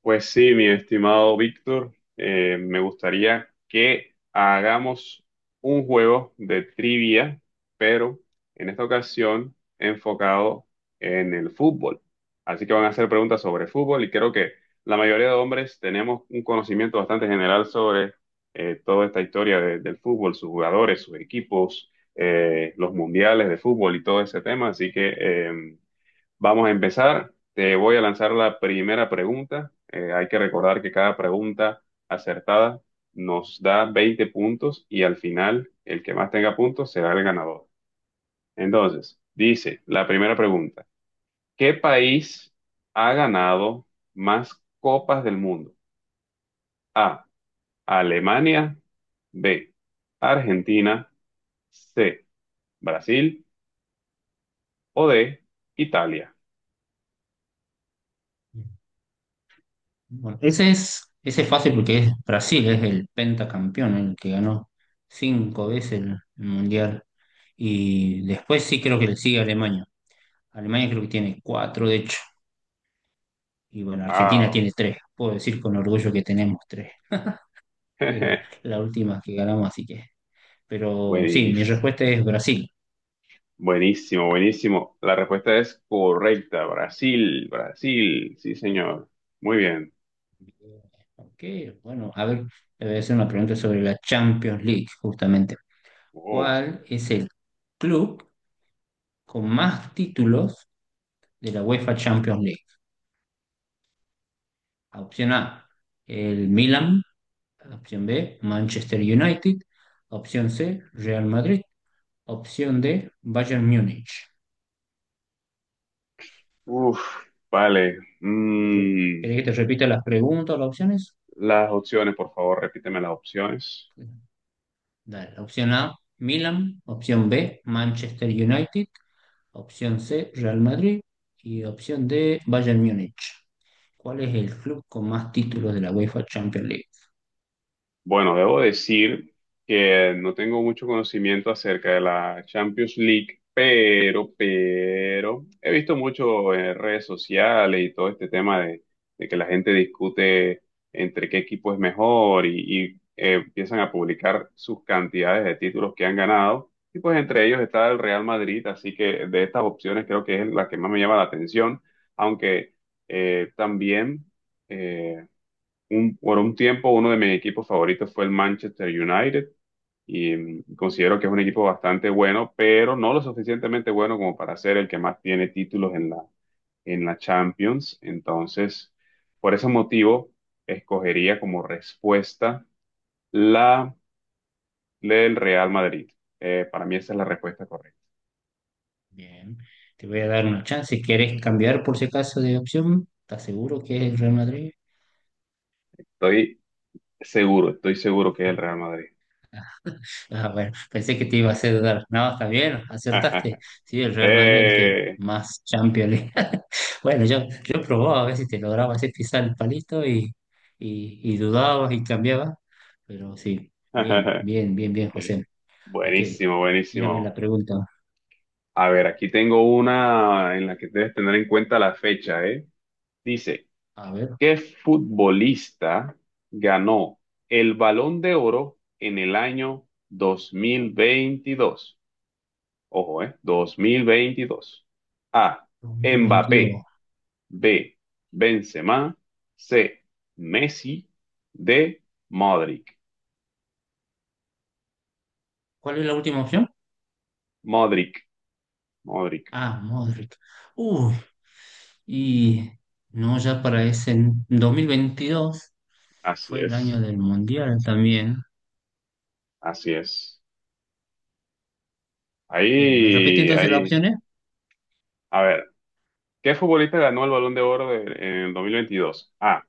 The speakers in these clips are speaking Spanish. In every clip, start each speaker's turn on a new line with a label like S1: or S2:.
S1: Pues sí, mi estimado Víctor, me gustaría que hagamos un juego de trivia, pero en esta ocasión enfocado en el fútbol. Así que van a hacer preguntas sobre fútbol y creo que la mayoría de hombres tenemos un conocimiento bastante general sobre toda esta historia del fútbol, sus jugadores, sus equipos, los mundiales de fútbol y todo ese tema. Así que vamos a empezar. Te voy a lanzar la primera pregunta. Hay que recordar que cada pregunta acertada nos da 20 puntos y al final el que más tenga puntos será el ganador. Entonces, dice la primera pregunta. ¿Qué país ha ganado más copas del mundo? A. Alemania. B. Argentina. C. Brasil. O D. Italia.
S2: Bueno, ese es fácil porque es Brasil, es el pentacampeón, el que ganó cinco veces el mundial. Y después sí creo que le sigue Alemania. Alemania creo que tiene cuatro, de hecho. Y bueno, Argentina
S1: Ah,
S2: tiene tres. Puedo decir con orgullo que tenemos tres. Es la, la última que ganamos, así que. Pero sí, mi
S1: buenísimo.
S2: respuesta es Brasil.
S1: Buenísimo, buenísimo. La respuesta es correcta. Brasil, Brasil. Sí, señor. Muy bien.
S2: Ok, bueno, a ver, te voy a hacer una pregunta sobre la Champions League, justamente.
S1: Oh,
S2: ¿Cuál es el club con más títulos de la UEFA Champions League? Opción A, el Milan. Opción B, Manchester United. Opción C, Real Madrid. Opción D, Bayern Múnich.
S1: uf, vale.
S2: ¿Querés que te repita las preguntas o las opciones?
S1: Las opciones, por favor, repíteme las opciones.
S2: Dale. Opción A, Milan. Opción B, Manchester United. Opción C, Real Madrid. Y opción D, Bayern Múnich. ¿Cuál es el club con más títulos de la UEFA Champions League?
S1: Bueno, debo decir que no tengo mucho conocimiento acerca de la Champions League, pero he visto mucho en redes sociales y todo este tema de que la gente discute entre qué equipo es mejor y empiezan a publicar sus cantidades de títulos que han ganado. Y pues entre ellos está el Real Madrid, así que de estas opciones creo que es la que más me llama la atención, aunque también eh, por un tiempo uno de mis equipos favoritos fue el Manchester United y considero que es un equipo bastante bueno, pero no lo suficientemente bueno como para ser el que más tiene títulos en la Champions. Entonces, por ese motivo, escogería como respuesta la del Real Madrid. Para mí esa es la respuesta correcta.
S2: Bien, te voy a dar una chance. Si ¿Quieres cambiar por si acaso de opción? ¿Estás seguro que es el Real Madrid?
S1: Estoy estoy seguro que es el Real Madrid.
S2: Ah, bueno, pensé que te iba a hacer dudar. No, está bien, acertaste. Sí, el Real Madrid es el que
S1: Eh,
S2: más Champions League. Bueno, yo probaba a ver si te lograba hacer pisar el palito y dudabas y cambiabas. Pero sí, bien, bien, bien, bien, José. Ok,
S1: Buenísimo,
S2: tírame la
S1: buenísimo.
S2: pregunta.
S1: A ver, aquí tengo una en la que debes tener en cuenta la fecha, ¿eh? Dice,
S2: A ver,
S1: ¿qué futbolista ganó el Balón de Oro en el año 2022? Ojo, ¿eh? 2022. A.
S2: 2022.
S1: Mbappé. B. Benzema. C. Messi. D. Modric.
S2: ¿Cuál es la última opción?
S1: Modric. Modric.
S2: Ah, Modric. Uy, y no, ya para ese 2022
S1: Así
S2: fue el año
S1: es.
S2: del Mundial también.
S1: Así es.
S2: Bien, ¿me repetí
S1: Ahí,
S2: entonces las
S1: ahí.
S2: opciones?
S1: A ver, ¿qué futbolista ganó el Balón de Oro en el 2022? A.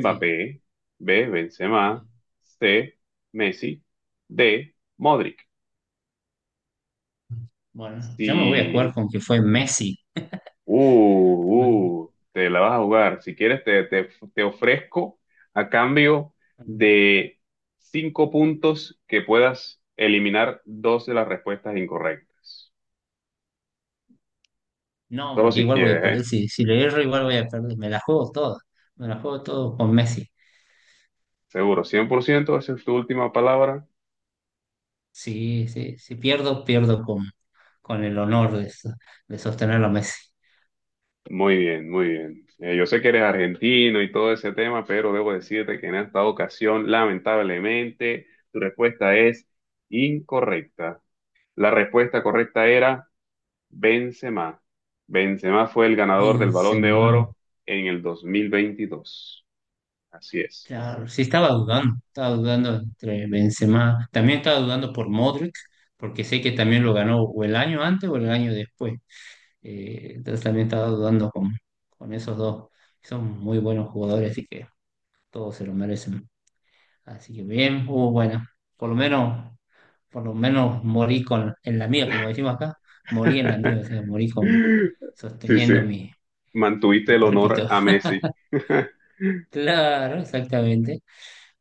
S2: Sí.
S1: B. Benzema. C. Messi. D. Modric.
S2: Bueno, yo me voy a jugar
S1: Si.
S2: con que fue Messi. Me-
S1: Te la vas a jugar. Si quieres, te ofrezco a cambio de cinco puntos que puedas eliminar dos de las respuestas incorrectas.
S2: No,
S1: Solo
S2: porque
S1: si
S2: igual voy a
S1: quieres, ¿eh?
S2: perder. Si le erro, igual voy a perder. Me la juego toda. Me la juego todo con Messi.
S1: Seguro, 100%, esa es tu última palabra.
S2: Sí, sí, si pierdo, pierdo con el honor de, de sostener a Messi.
S1: Muy bien, muy bien. Yo sé que eres argentino y todo ese tema, pero debo decirte que en esta ocasión, lamentablemente, tu respuesta es incorrecta. La respuesta correcta era Benzema. Benzema fue el ganador del Balón de
S2: Benzema.
S1: Oro en el 2022. Así es.
S2: Claro, sí estaba dudando entre Benzema, también estaba dudando por Modric, porque sé que también lo ganó o el año antes o el año después. Entonces también estaba dudando con esos dos. Son muy buenos jugadores, así que todos se lo merecen. Así que bien, hubo bueno, por lo menos, por lo menos morí con, en la mía, como decimos acá, morí en la mía, o sea, morí con,
S1: Sí, sí.
S2: sosteniendo mi,
S1: Mantuviste
S2: mi
S1: el honor
S2: pálpito.
S1: a Messi.
S2: Claro, exactamente.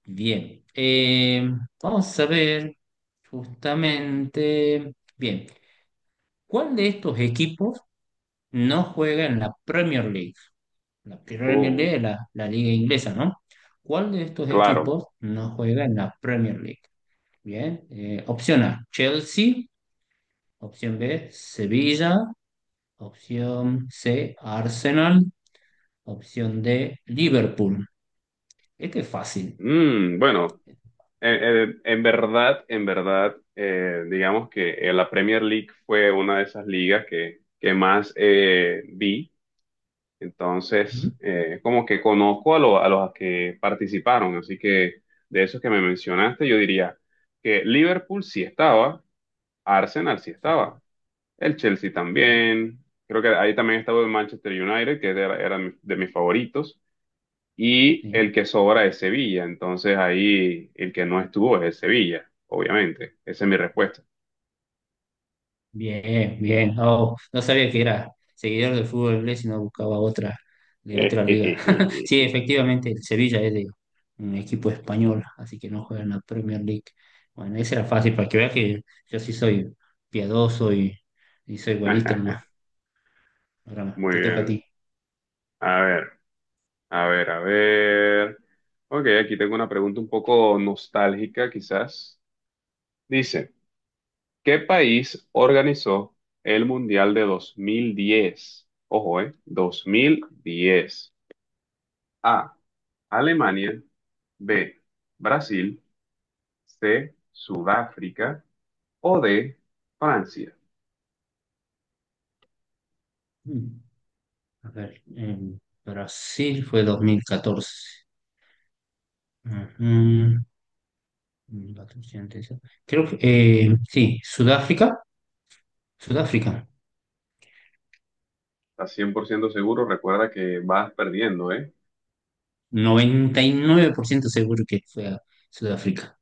S2: Bien, vamos a ver justamente, bien, ¿cuál de estos equipos no juega en la Premier League? La Premier
S1: Oh,
S2: League es la liga inglesa, ¿no? ¿Cuál de estos
S1: claro.
S2: equipos no juega en la Premier League? Bien, opción A, Chelsea, opción B, Sevilla, opción C, Arsenal, opción D, Liverpool. Este es fácil.
S1: Bueno. En verdad, en verdad, digamos que la Premier League fue una de esas ligas que más vi.
S2: ¿Mm?
S1: Entonces, como que conozco a los que participaron. Así que de esos que me mencionaste, yo diría que Liverpool sí estaba, Arsenal sí estaba,
S2: Sí,
S1: el Chelsea
S2: sí,
S1: también. Creo que ahí también estaba el Manchester United, que era de mis favoritos y el
S2: sí.
S1: que sobra es Sevilla. Entonces ahí el que no estuvo es el Sevilla, obviamente. Esa es mi respuesta.
S2: Bien, bien. Oh, no sabía que era seguidor del fútbol inglés y no buscaba otra de otra liga. Sí, efectivamente, el Sevilla es de un equipo español, así que no juega en la Premier League. Bueno, esa era fácil para que veas que yo sí soy piadoso y soy buenito nomás. Ahora
S1: Muy
S2: te toca a
S1: bien.
S2: ti.
S1: A ver, a ver, a ver. Ok, aquí tengo una pregunta un poco nostálgica, quizás. Dice, ¿qué país organizó el Mundial de 2010? Ojo, ¿eh? 2010. A, Alemania. B, Brasil. C, Sudáfrica. O de Francia.
S2: Mm, A ver, en Brasil fue 2014. Ujú, 2014, antes. Creo que sí, Sudáfrica. Sudáfrica.
S1: ¿Estás 100% seguro? Recuerda que vas perdiendo, ¿eh?
S2: 99% seguro que fue a Sudáfrica.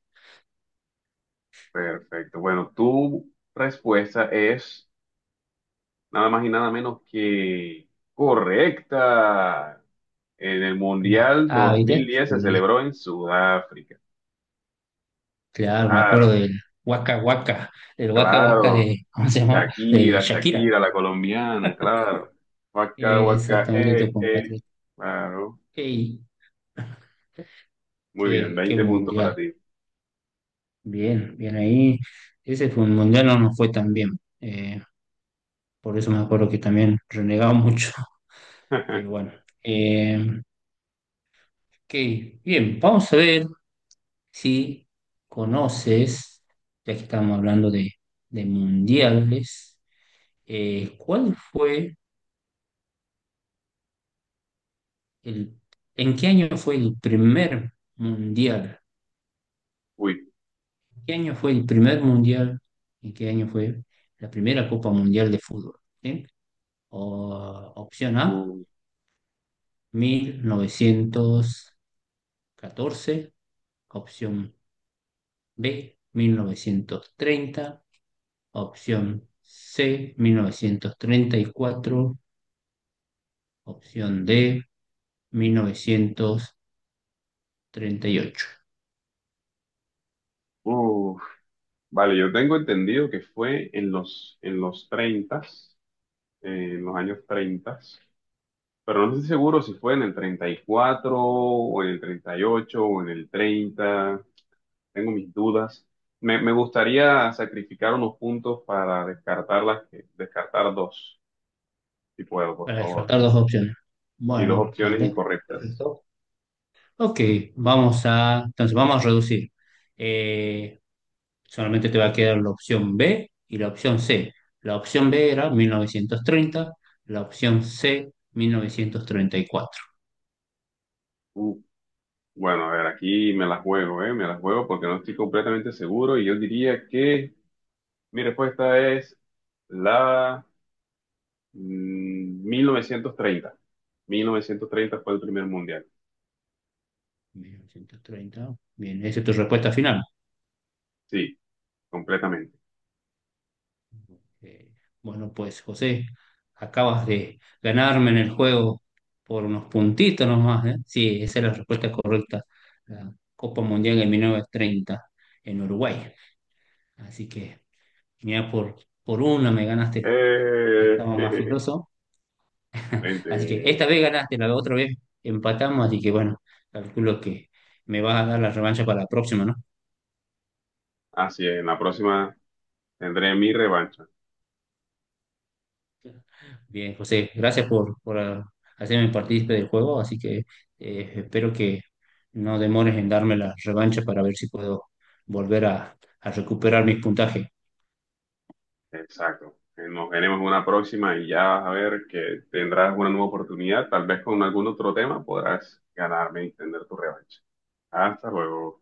S1: Perfecto. Bueno, tu respuesta es nada más y nada menos que correcta. En el
S2: Ah,
S1: Mundial
S2: ah,
S1: dos mil
S2: ¿viste?
S1: diez se celebró en Sudáfrica.
S2: Claro, me acuerdo
S1: Claro,
S2: del Waka Waka, el Waka Waka
S1: claro.
S2: de, ¿cómo se llamaba? De
S1: Shakira,
S2: Shakira.
S1: Shakira, la colombiana, claro. Waka, waka,
S2: Exactamente, tu
S1: eh.
S2: compatriota.
S1: Claro.
S2: Ey,
S1: Muy bien,
S2: qué, qué
S1: 20 puntos para
S2: mundial.
S1: ti.
S2: Bien, bien ahí. Ese fue un mundial, no nos fue tan bien. Por eso me acuerdo que también renegaba mucho. Pero bueno. Eh, ok, bien, vamos a ver si conoces, ya que estamos hablando de mundiales, ¿cuál fue el, en qué año fue el primer mundial?
S1: Uy,
S2: ¿Qué año fue el primer mundial? ¿En qué año fue la primera Copa Mundial de Fútbol? ¿Sí? Opción A,
S1: uy,
S2: 1914, opción B, 1930, opción C, 1934. Opción D, 1938.
S1: uy. Vale, yo tengo entendido que fue en los, 30, en los años 30, pero no estoy seguro si fue en el 34 o en el 38 o en el 30. Tengo mis dudas. Me gustaría sacrificar unos puntos para descartar las que, descartar dos, si puedo, por
S2: ¿Para
S1: favor.
S2: descartar dos opciones?
S1: Y dos
S2: Bueno,
S1: opciones
S2: dale.
S1: incorrectas.
S2: Perfecto. Ok, vamos a, entonces vamos a reducir. Eh, solamente te va a quedar la opción B y la opción C. La opción B era 1930, la opción C 1934.
S1: Uh, bueno, a ver, aquí me las juego, ¿eh? Me las juego porque no estoy completamente seguro y yo diría que, mire, pues esta es la... Mm, 1930. 1930 fue el primer mundial.
S2: 1930, bien, esa es tu respuesta final.
S1: Sí, completamente.
S2: Eh, bueno, pues José, acabas de ganarme en el juego por unos puntitos nomás, ¿eh? Sí, esa es la respuesta correcta. La Copa Mundial de 1930 en Uruguay. Así que, mira, por una me ganaste, si
S1: Eh,
S2: estaba más filoso. Así que esta
S1: Excelente.
S2: vez ganaste, la otra vez empatamos, así que bueno, calculo que me vas a dar la revancha para la próxima, ¿no?
S1: Así es, en la próxima tendré mi revancha.
S2: Bien, José, gracias por ah, hacerme partícipe del juego, así que espero que no demores en darme la revancha para ver si puedo volver a recuperar mis puntajes.
S1: Exacto. Nos veremos en una próxima y ya vas a ver que tendrás una nueva oportunidad. Tal vez con algún otro tema podrás ganarme y tener tu revancha. Hasta luego.